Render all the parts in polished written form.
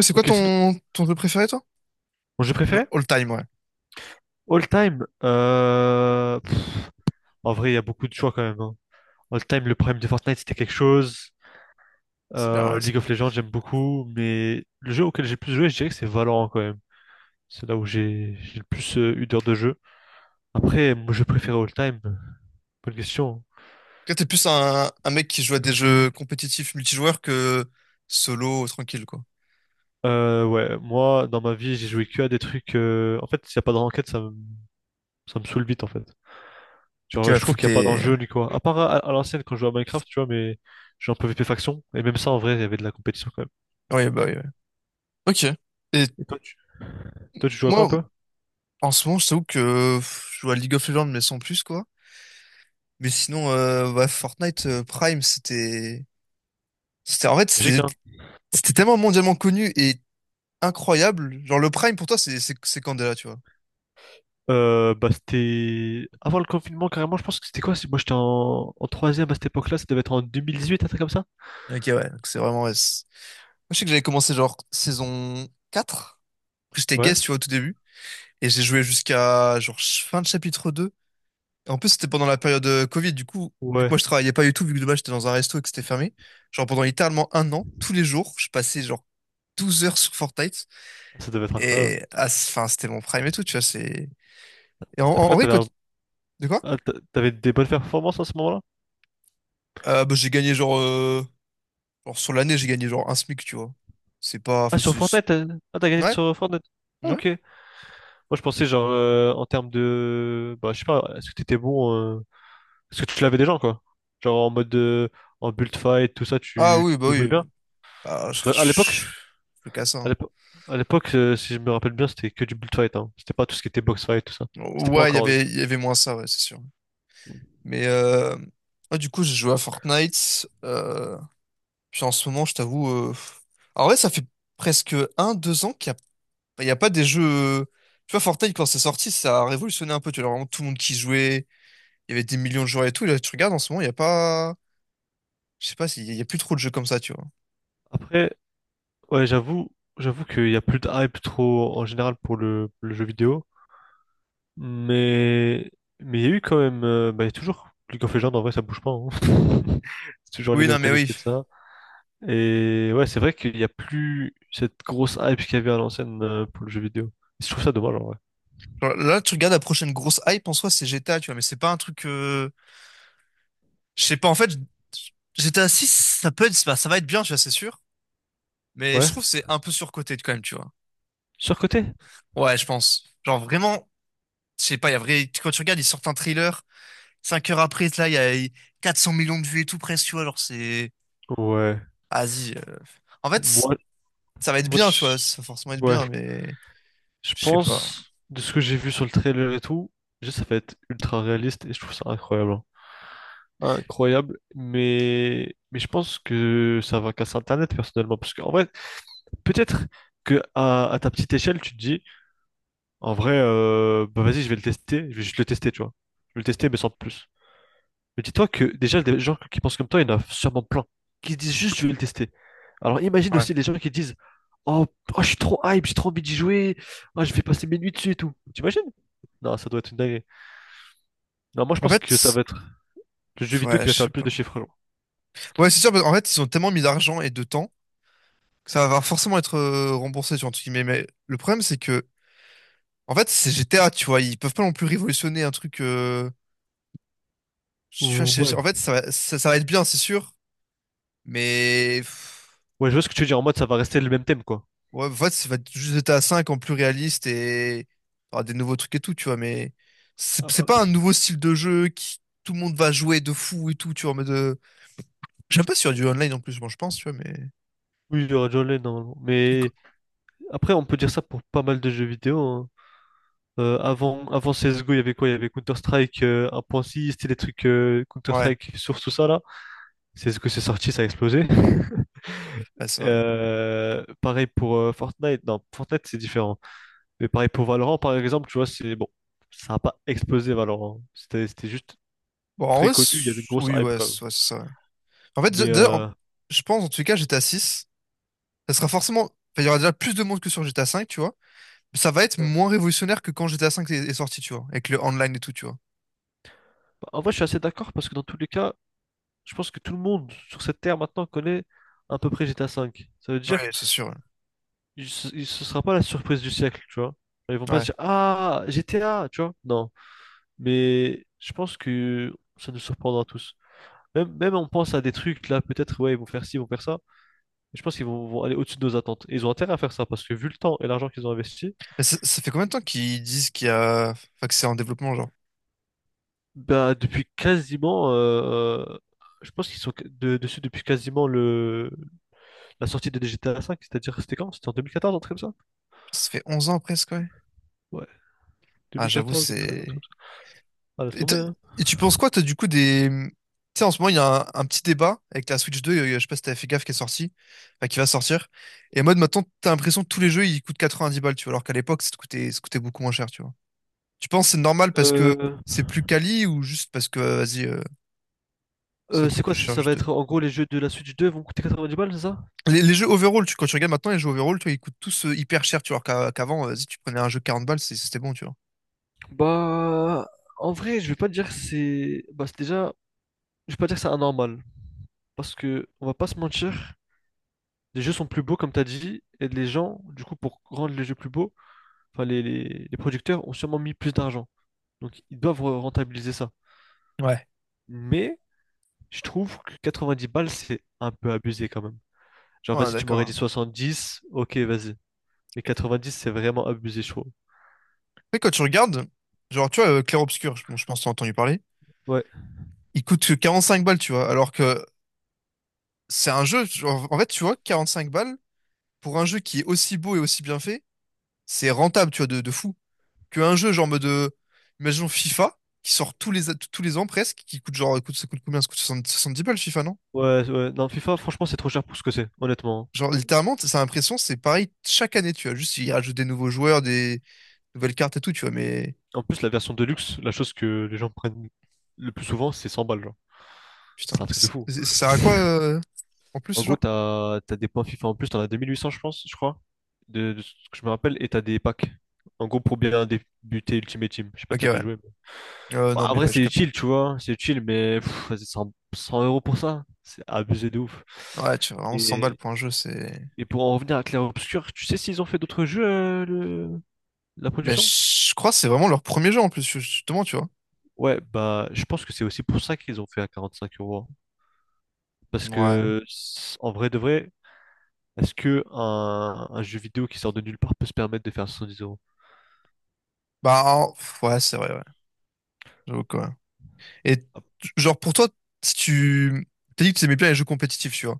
C'est quoi Ok, c'est ton jeu préféré, toi? mon jeu Genre, préféré? all time, ouais. All time. En vrai, il y a beaucoup de choix quand même, hein. All time, le prime de Fortnite, c'était quelque chose. C'est bien, ouais, ça. League of Legends, j'aime beaucoup. Mais le jeu auquel j'ai le plus joué, je dirais que c'est Valorant quand même. C'est là où j'ai le plus eu d'heures de jeu. Après, mon jeu préféré all time, bonne question, Toi, t'es plus un mec qui joue à des jeux compétitifs multijoueurs que solo, tranquille, quoi. hein. Ouais, moi, dans ma vie, j'ai joué que à des trucs. En fait, s'il n'y a pas de ranked, ça me saoule vite en fait. Ok, Genre, ouais, je faut trouve que qu'il n'y a pas t'aies... d'enjeu ni quoi. À part à l'ancienne quand je jouais à Minecraft, tu vois, mais j'ai un peu VP Faction. Et même ça, en vrai, il y avait de la compétition quand même. Ouais, bah oui, ouais. Ok. Et Et toi, toi, tu joues à quoi un moi, peu? en ce moment, je t'avoue que pff, je joue à League of Legends, mais sans plus, quoi. Mais sinon, ouais, Fortnite Prime, c'était... C'était... En fait, Magique, c'était hein? c'était tellement mondialement connu et incroyable. Genre, le Prime, pour toi, c'est c'est Candela, tu vois. Bah, c'était avant le confinement, carrément. Je pense que c'était quoi? Moi, j'étais en troisième à cette époque-là. Ça devait être en 2018, un truc comme ça? Ok, ouais. Donc, c'est vraiment... ouais, c'est- moi, je sais que j'avais commencé, genre, saison 4. Après, j'étais Ouais. guest, tu vois, au tout début. Et j'ai joué jusqu'à genre fin de chapitre 2. Et en plus, c'était pendant la période Covid. Du coup, vu que Ouais. moi, je travaillais pas du tout, vu que de base, j'étais dans un resto et que c'était fermé. Genre, pendant littéralement 1 an, tous les jours, je passais genre 12 heures sur Fortnite. Ça devait être incroyable. Et ah, enfin, c'était mon prime et tout, tu vois. C'est... Et À cette en époque-là, vrai, t'avais quand... un- De quoi? ah, t'a- t'avais des bonnes performances à ce moment-là? Bah, j'ai gagné genre, genre sur l'année, j'ai gagné genre un SMIC, tu vois. C'est pas... Ah, Enfin, sur c'est- Fortnite? Ah, t'as gagné Ouais? sur Fortnite? Ah, Ouais? ok. Moi, je pensais, genre, en termes de. Bah, je sais pas, est-ce que t'étais bon? Est-ce que tu l'avais déjà, quoi? Genre en mode de, en build fight, tout ça, Ah tu oui, te bah débrouilles oui. bien? Ah, je, je, Parce que je- je peux qu'à ça, à hein. l'époque, à l'époque, si je me rappelle bien, c'était que du build fight, hein. C'était pas tout ce qui était box fight, tout ça. C'était pas Ouais, il y encore. avait, il y avait moins ça, ouais, c'est sûr. Mais ouais, du coup, j'ai joué à Fortnite. Puis en ce moment, je t'avoue. En vrai, ça fait presque un, 2 ans qu'il n'y a... bah, il y a pas des jeux. Tu vois, Fortnite, quand c'est sorti, ça a révolutionné un peu. Tu vois, vraiment tout le monde qui jouait. Il y avait des millions de joueurs et tout. Et là, tu regardes en ce moment, il n'y a pas. Je sais pas, s'il y a il y a plus trop de jeux comme ça, tu vois. Après, ouais, j'avoue qu'il y a plus de hype trop en général pour le jeu vidéo. Mais mais il y a eu quand même, bah, il y a toujours League of Legends en vrai ça bouge pas, hein. C'est toujours les Oui, non, mêmes mais oui. connectés de ça. Et ouais, c'est vrai qu'il n'y a plus cette grosse hype qu'il y avait à l'ancienne pour le jeu vidéo. Et je trouve ça dommage en vrai. Genre, là, tu regardes la prochaine grosse hype en soi, c'est GTA, tu vois. Mais c'est pas un truc. Je sais pas, en fait, GTA 6, ça peut être... bah, ça va être bien, tu vois, c'est sûr. Mais je Ouais. trouve que c'est un peu surcoté quand même, tu vois. Surcoté? Ouais, je pense. Genre vraiment, je sais pas, il y a vrai, quand tu regardes, ils sortent un trailer, 5 heures après, là, il y a 400 millions de vues et tout presque, tu vois, genre c'est... Ouais. Vas-y. En fait, Moi, ça va être Moi, bien, tu je... vois, ça va forcément être ouais. bien, mais Je je sais pas. pense, de ce que j'ai vu sur le trailer et tout, juste ça va être ultra réaliste et je trouve ça incroyable, hein. Incroyable, mais je pense que ça va casser Internet personnellement parce qu'en vrai peut-être que à ta petite échelle, tu te dis, en vrai, bah vas-y, je vais le tester, je vais juste le tester, tu vois. Je vais le tester, mais sans de plus. Mais dis-toi que déjà, des gens qui pensent comme toi, il y en a sûrement plein, qui se disent juste, je vais le tester. Alors imagine Ouais. aussi les gens qui disent, oh, oh, je suis trop hype, j'ai trop envie d'y jouer, oh, je vais passer mes nuits dessus et tout. T'imagines? Non, ça doit être une dinguerie. Non, moi je En pense que ça fait, va être le jeu vidéo ouais, qui va je faire sais le plus pas. de chiffres, genre. Ouais, c'est sûr, parce qu'en fait, ils ont tellement mis d'argent et de temps que ça va forcément être remboursé, tu vois, entre guillemets. Mais le problème, c'est que, en fait, c'est GTA, tu vois, ils peuvent pas non plus révolutionner un truc... tu vois, Ouais. en fait, ça va, ça va être bien, c'est sûr, mais... Ouais, je vois ce que tu veux dire en mode ça va rester le même thème, quoi. Ouais, en fait, ça va être juste GTA 5 en plus réaliste et t'auras des nouveaux trucs et tout, tu vois, mais c'est Ah, c'est ah. pas un nouveau style de jeu qui tout le monde va jouer de fou et tout, tu vois, mais de... Je sais pas s'il y a du online en plus, moi je pense, tu vois, mais... Oui, il y aura déjà online normalement. Parce Mais que- après, on peut dire ça pour pas mal de jeux vidéo, hein. Avant CSGO, il y avait quoi? Il y avait Counter-Strike 1.6, c'était des trucs ouais, Counter-Strike sur tout ça là. CSGO, c'est sorti, ça a explosé. ouais, c'est vrai. Pareil pour Fortnite. Non, Fortnite, c'est différent. Mais pareil pour Valorant, par exemple, tu vois, c'est bon. Ça n'a pas explosé Valorant. C'était juste Bon, en très vrai, connu, il y avait une c'est- grosse oui, hype quand même. Ouais, c'est ça, ouais. En fait, déjà, Mais déjà, en- je pense, en tout cas, GTA 6, ça sera forcément... enfin, il y aura déjà plus de monde que sur GTA 5, tu vois, mais ça va être ouais. moins révolutionnaire que quand GTA 5 est sorti, tu vois, avec le online et tout, tu vois. Bah, en vrai, je suis assez d'accord parce que dans tous les cas, je pense que tout le monde sur cette terre maintenant connaît à peu près GTA V. Ça veut dire, Ouais, c'est sûr, sera pas la surprise du siècle, tu vois. Ils vont pas ouais. se dire, ah, GTA, tu vois. Non. Mais je pense que ça nous surprendra tous. Même on pense à des trucs, là, peut-être, ouais, ils vont faire ci, ils vont faire ça. Mais je pense qu'ils vont aller au-dessus de nos attentes. Et ils ont intérêt à faire ça, parce que vu le temps et l'argent qu'ils ont investi, Mais ça fait combien de temps qu'ils disent qu'il y a... Enfin, que c'est en développement, genre? bah, depuis quasiment, je pense qu'ils sont dessus depuis quasiment la sortie de GTA V, c'est-à-dire, c'était quand? C'était en 2014, un truc comme ça? Putain, ça fait 11 ans presque, ouais. Ah, j'avoue, 2014, 2013, un c'est... truc comme ça. Ah, laisse Et, t'as- tomber, hein. et tu penses quoi, toi, du coup, des... Tu sais, en ce moment, il y a un petit débat avec la Switch 2, je sais pas si t'avais fait gaffe, qui est sortie, enfin, qui va sortir. Et en mode, maintenant, t'as l'impression que tous les jeux, ils coûtent 90 balles, tu vois, alors qu'à l'époque, ça coûtait beaucoup moins cher, tu vois. Tu penses que c'est normal parce que Euh, c'est plus quali ou juste parce que, vas-y, ça c'est coûte plus quoi ça? cher, Ça va juste... être en gros les jeux de la Switch 2 vont coûter 90 balles, c'est ça? Les jeux overall, tu, quand tu regardes maintenant les jeux overall, tu vois, ils coûtent tous hyper cher, tu vois, qu'avant, si tu prenais un jeu 40 balles, c'est- c'était bon, tu vois. Bah, en vrai, je vais pas dire que c'est. Bah, c'est déjà. Je vais pas dire que c'est anormal. Parce que, on va pas se mentir, les jeux sont plus beaux, comme t'as dit, et les gens, du coup, pour rendre les jeux plus beaux, enfin, les producteurs ont sûrement mis plus d'argent. Donc, ils doivent rentabiliser ça. Ouais. Mais, je trouve que 90 balles, c'est un peu abusé quand même. Genre, Ouais, vas-y, tu m'aurais d'accord. dit 70, ok, vas-y. Mais 90, c'est vraiment abusé, je trouve. Après, quand tu regardes, genre, tu vois, Clair Obscur, je, bon, je pense que t'as entendu parler, Ouais, il coûte que 5 balles, tu vois, alors que c'est un jeu, genre, en fait, tu vois, 45 balles, pour un jeu qui est aussi beau et aussi bien fait, c'est rentable, tu vois, de fou. Qu'un jeu, genre, en mode, imaginons FIFA, qui sort tous les ans presque, qui coûte genre, coûte, ça coûte combien? Ça coûte 70 balles, FIFA, non? ouais, ouais. Non, FIFA, franchement, c'est trop cher pour ce que c'est, honnêtement, Genre, littéralement, ça a l'impression, c'est pareil chaque année, tu vois. Juste, ils rajoutent des nouveaux joueurs, des nouvelles cartes et tout, tu vois. Mais, hein. En plus, la version Deluxe, la chose que les gens prennent le plus souvent, c'est 100 balles, genre. putain, C'est un truc de fou. Ça sert à quoi, en plus, En ce gros, genre? T'as des points FIFA en plus, t'en as 2800, je pense, je crois, de ce que je me rappelle, et t'as des packs. En gros, pour bien débuter Ultimate Team. Je sais pas si Ok, t'as ouais. déjà joué. Bon, Non, mais après, ouais, je c'est capte. utile, tu vois, c'est utile, mais vas-y, 100 € pour ça, c'est abusé de ouf. Ouais, ouais, tu vois, vraiment 100 balles Et pour un jeu, c'est. Et pour en revenir à Clair Obscur, tu sais s'ils ont fait d'autres jeux, la Ben, production? je crois que c'est vraiment leur premier jeu, en plus, justement, tu vois. Ouais, bah, je pense que c'est aussi pour ça qu'ils ont fait à 45 euros, hein. Parce Ouais. que, en vrai de vrai, est-ce que un jeu vidéo qui sort de nulle part peut se permettre de faire dix euros? Bah, en- pff, ouais, c'est vrai, ouais. J'avoue quoi. Et, t- Ah, genre, pour toi, si tu. T'as dit que tu aimais bien les jeux compétitifs, tu vois.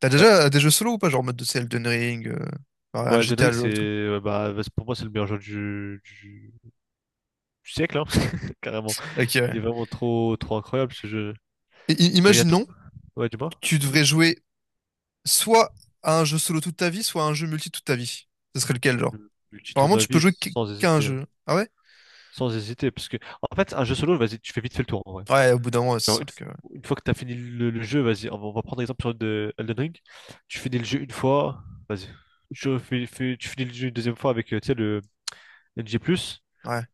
T'as ouais, déjà des jeux solo ou pas? Genre, en mode de Elden Ring, enfin, un ouais, Elden GTA, Ring, le jeu c'est, et tout. Pour moi, c'est le meilleur jeu du siècle, hein, carrément. Ok, ouais. Il est vraiment trop, trop incroyable ce jeu. Et, Tu regardes tout? imaginons, Ouais, dis-moi. tu devrais jouer soit à un jeu solo toute ta vie, soit à un jeu multi toute ta vie. Ce serait lequel, genre? Je je dis toute Apparemment, ma tu peux vie jouer sans qu'à un hésiter, hein. jeu. Ah ouais? Sans hésiter, parce que en fait, un jeu solo, vas-y, tu fais vite fait le tour. En vrai. Ouais, au bout d'un moment, c'est Genre, sûr que. une fois que tu as fini le jeu, vas-y, on va prendre exemple sur de Elden Ring. Tu finis le jeu une fois, vas-y. Tu finis le jeu une deuxième fois avec, tu sais, le NG+, Ouais.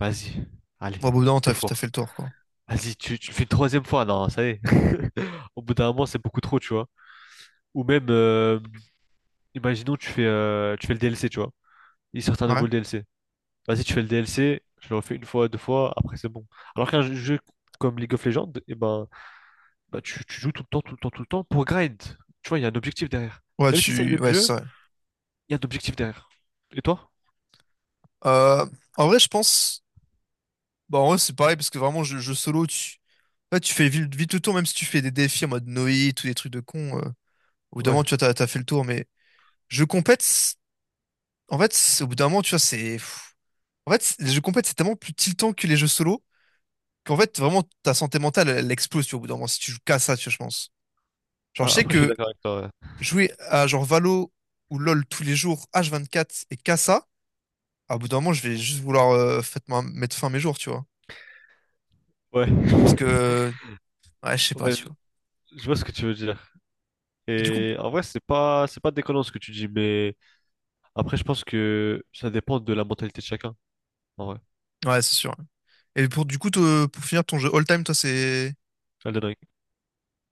vas-y, allez, Bon, au bout d'un moment, deux t'as fait fois. le tour, quoi. Vas-y, tu le fais une troisième fois, non, ça y est. Au bout d'un moment, c'est beaucoup trop, tu vois. Ou même, imaginons, tu fais le DLC, tu vois. Ils sortent un Ouais. nouveau le DLC. Vas-y, tu fais le DLC, je le refais une fois, deux fois, après c'est bon. Alors qu'un jeu comme League of Legends, eh ben, bah, tu joues tout le temps, tout le temps, tout le temps pour grind. Tu vois, il y a un objectif derrière. Ouais, Même si c'est le tu. même Ouais, jeu, c'est vrai. il y a un objectif derrière. Et toi? Euh, en vrai, je pense. Bon, en vrai, c'est pareil, parce que vraiment, jeu solo, tu. Ouais, tu fais vite le tour, même si tu fais des défis en mode Noé, tous des trucs de con. Au bout d'un Ouais. moment, tu vois, t'as fait le tour, mais. Jeu compète, c'est- en fait, c'est- au bout d'un moment, tu vois, c'est. Pff. En fait, c'est- les jeux compètes, c'est tellement plus tiltant que les jeux solo. Qu'en fait, vraiment, ta santé mentale, elle explose, tu vois, au bout d'un moment, si tu joues qu'à ça, tu vois, je pense. Genre, Ah, je sais après, je suis que d'accord avec toi. jouer à genre Valo ou LoL tous les jours, H24 et qu'à ça, à bout d'un moment, je vais juste vouloir faitement mettre fin à mes jours, tu vois. Ouais. Parce Ouais. que, ouais, je sais pas, Ouais, tu vois. je vois ce que tu veux dire. Et du coup, Et en vrai, c'est pas déconnant ce que tu dis, mais après, je pense que ça dépend de la mentalité de chacun. En vrai. ouais, c'est sûr, hein. Et pour, du coup, te- pour finir ton jeu all-time, toi, c'est. Elden Ring.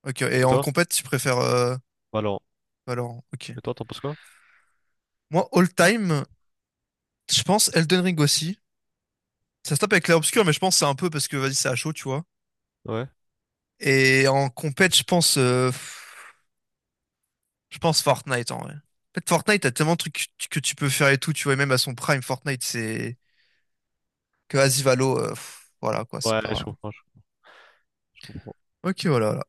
Ok, et Et en toi? compète, tu préfères Alors, Valorant, ok. et toi, t'en penses quoi? Moi, all-time, je pense Elden Ring aussi. Ça se tape avec l'air obscur, mais je pense que c'est un peu parce que, vas-y, c'est à chaud, tu vois. Ouais. Et en compète, je pense. Je pense Fortnite en vrai. En fait, Fortnite, t'as tellement de trucs que tu peux faire et tout, tu vois, et même à son prime, Fortnite, c'est que Asivalo, voilà quoi, c'est Ouais, je pas. comprends, je comprends. Ok, voilà.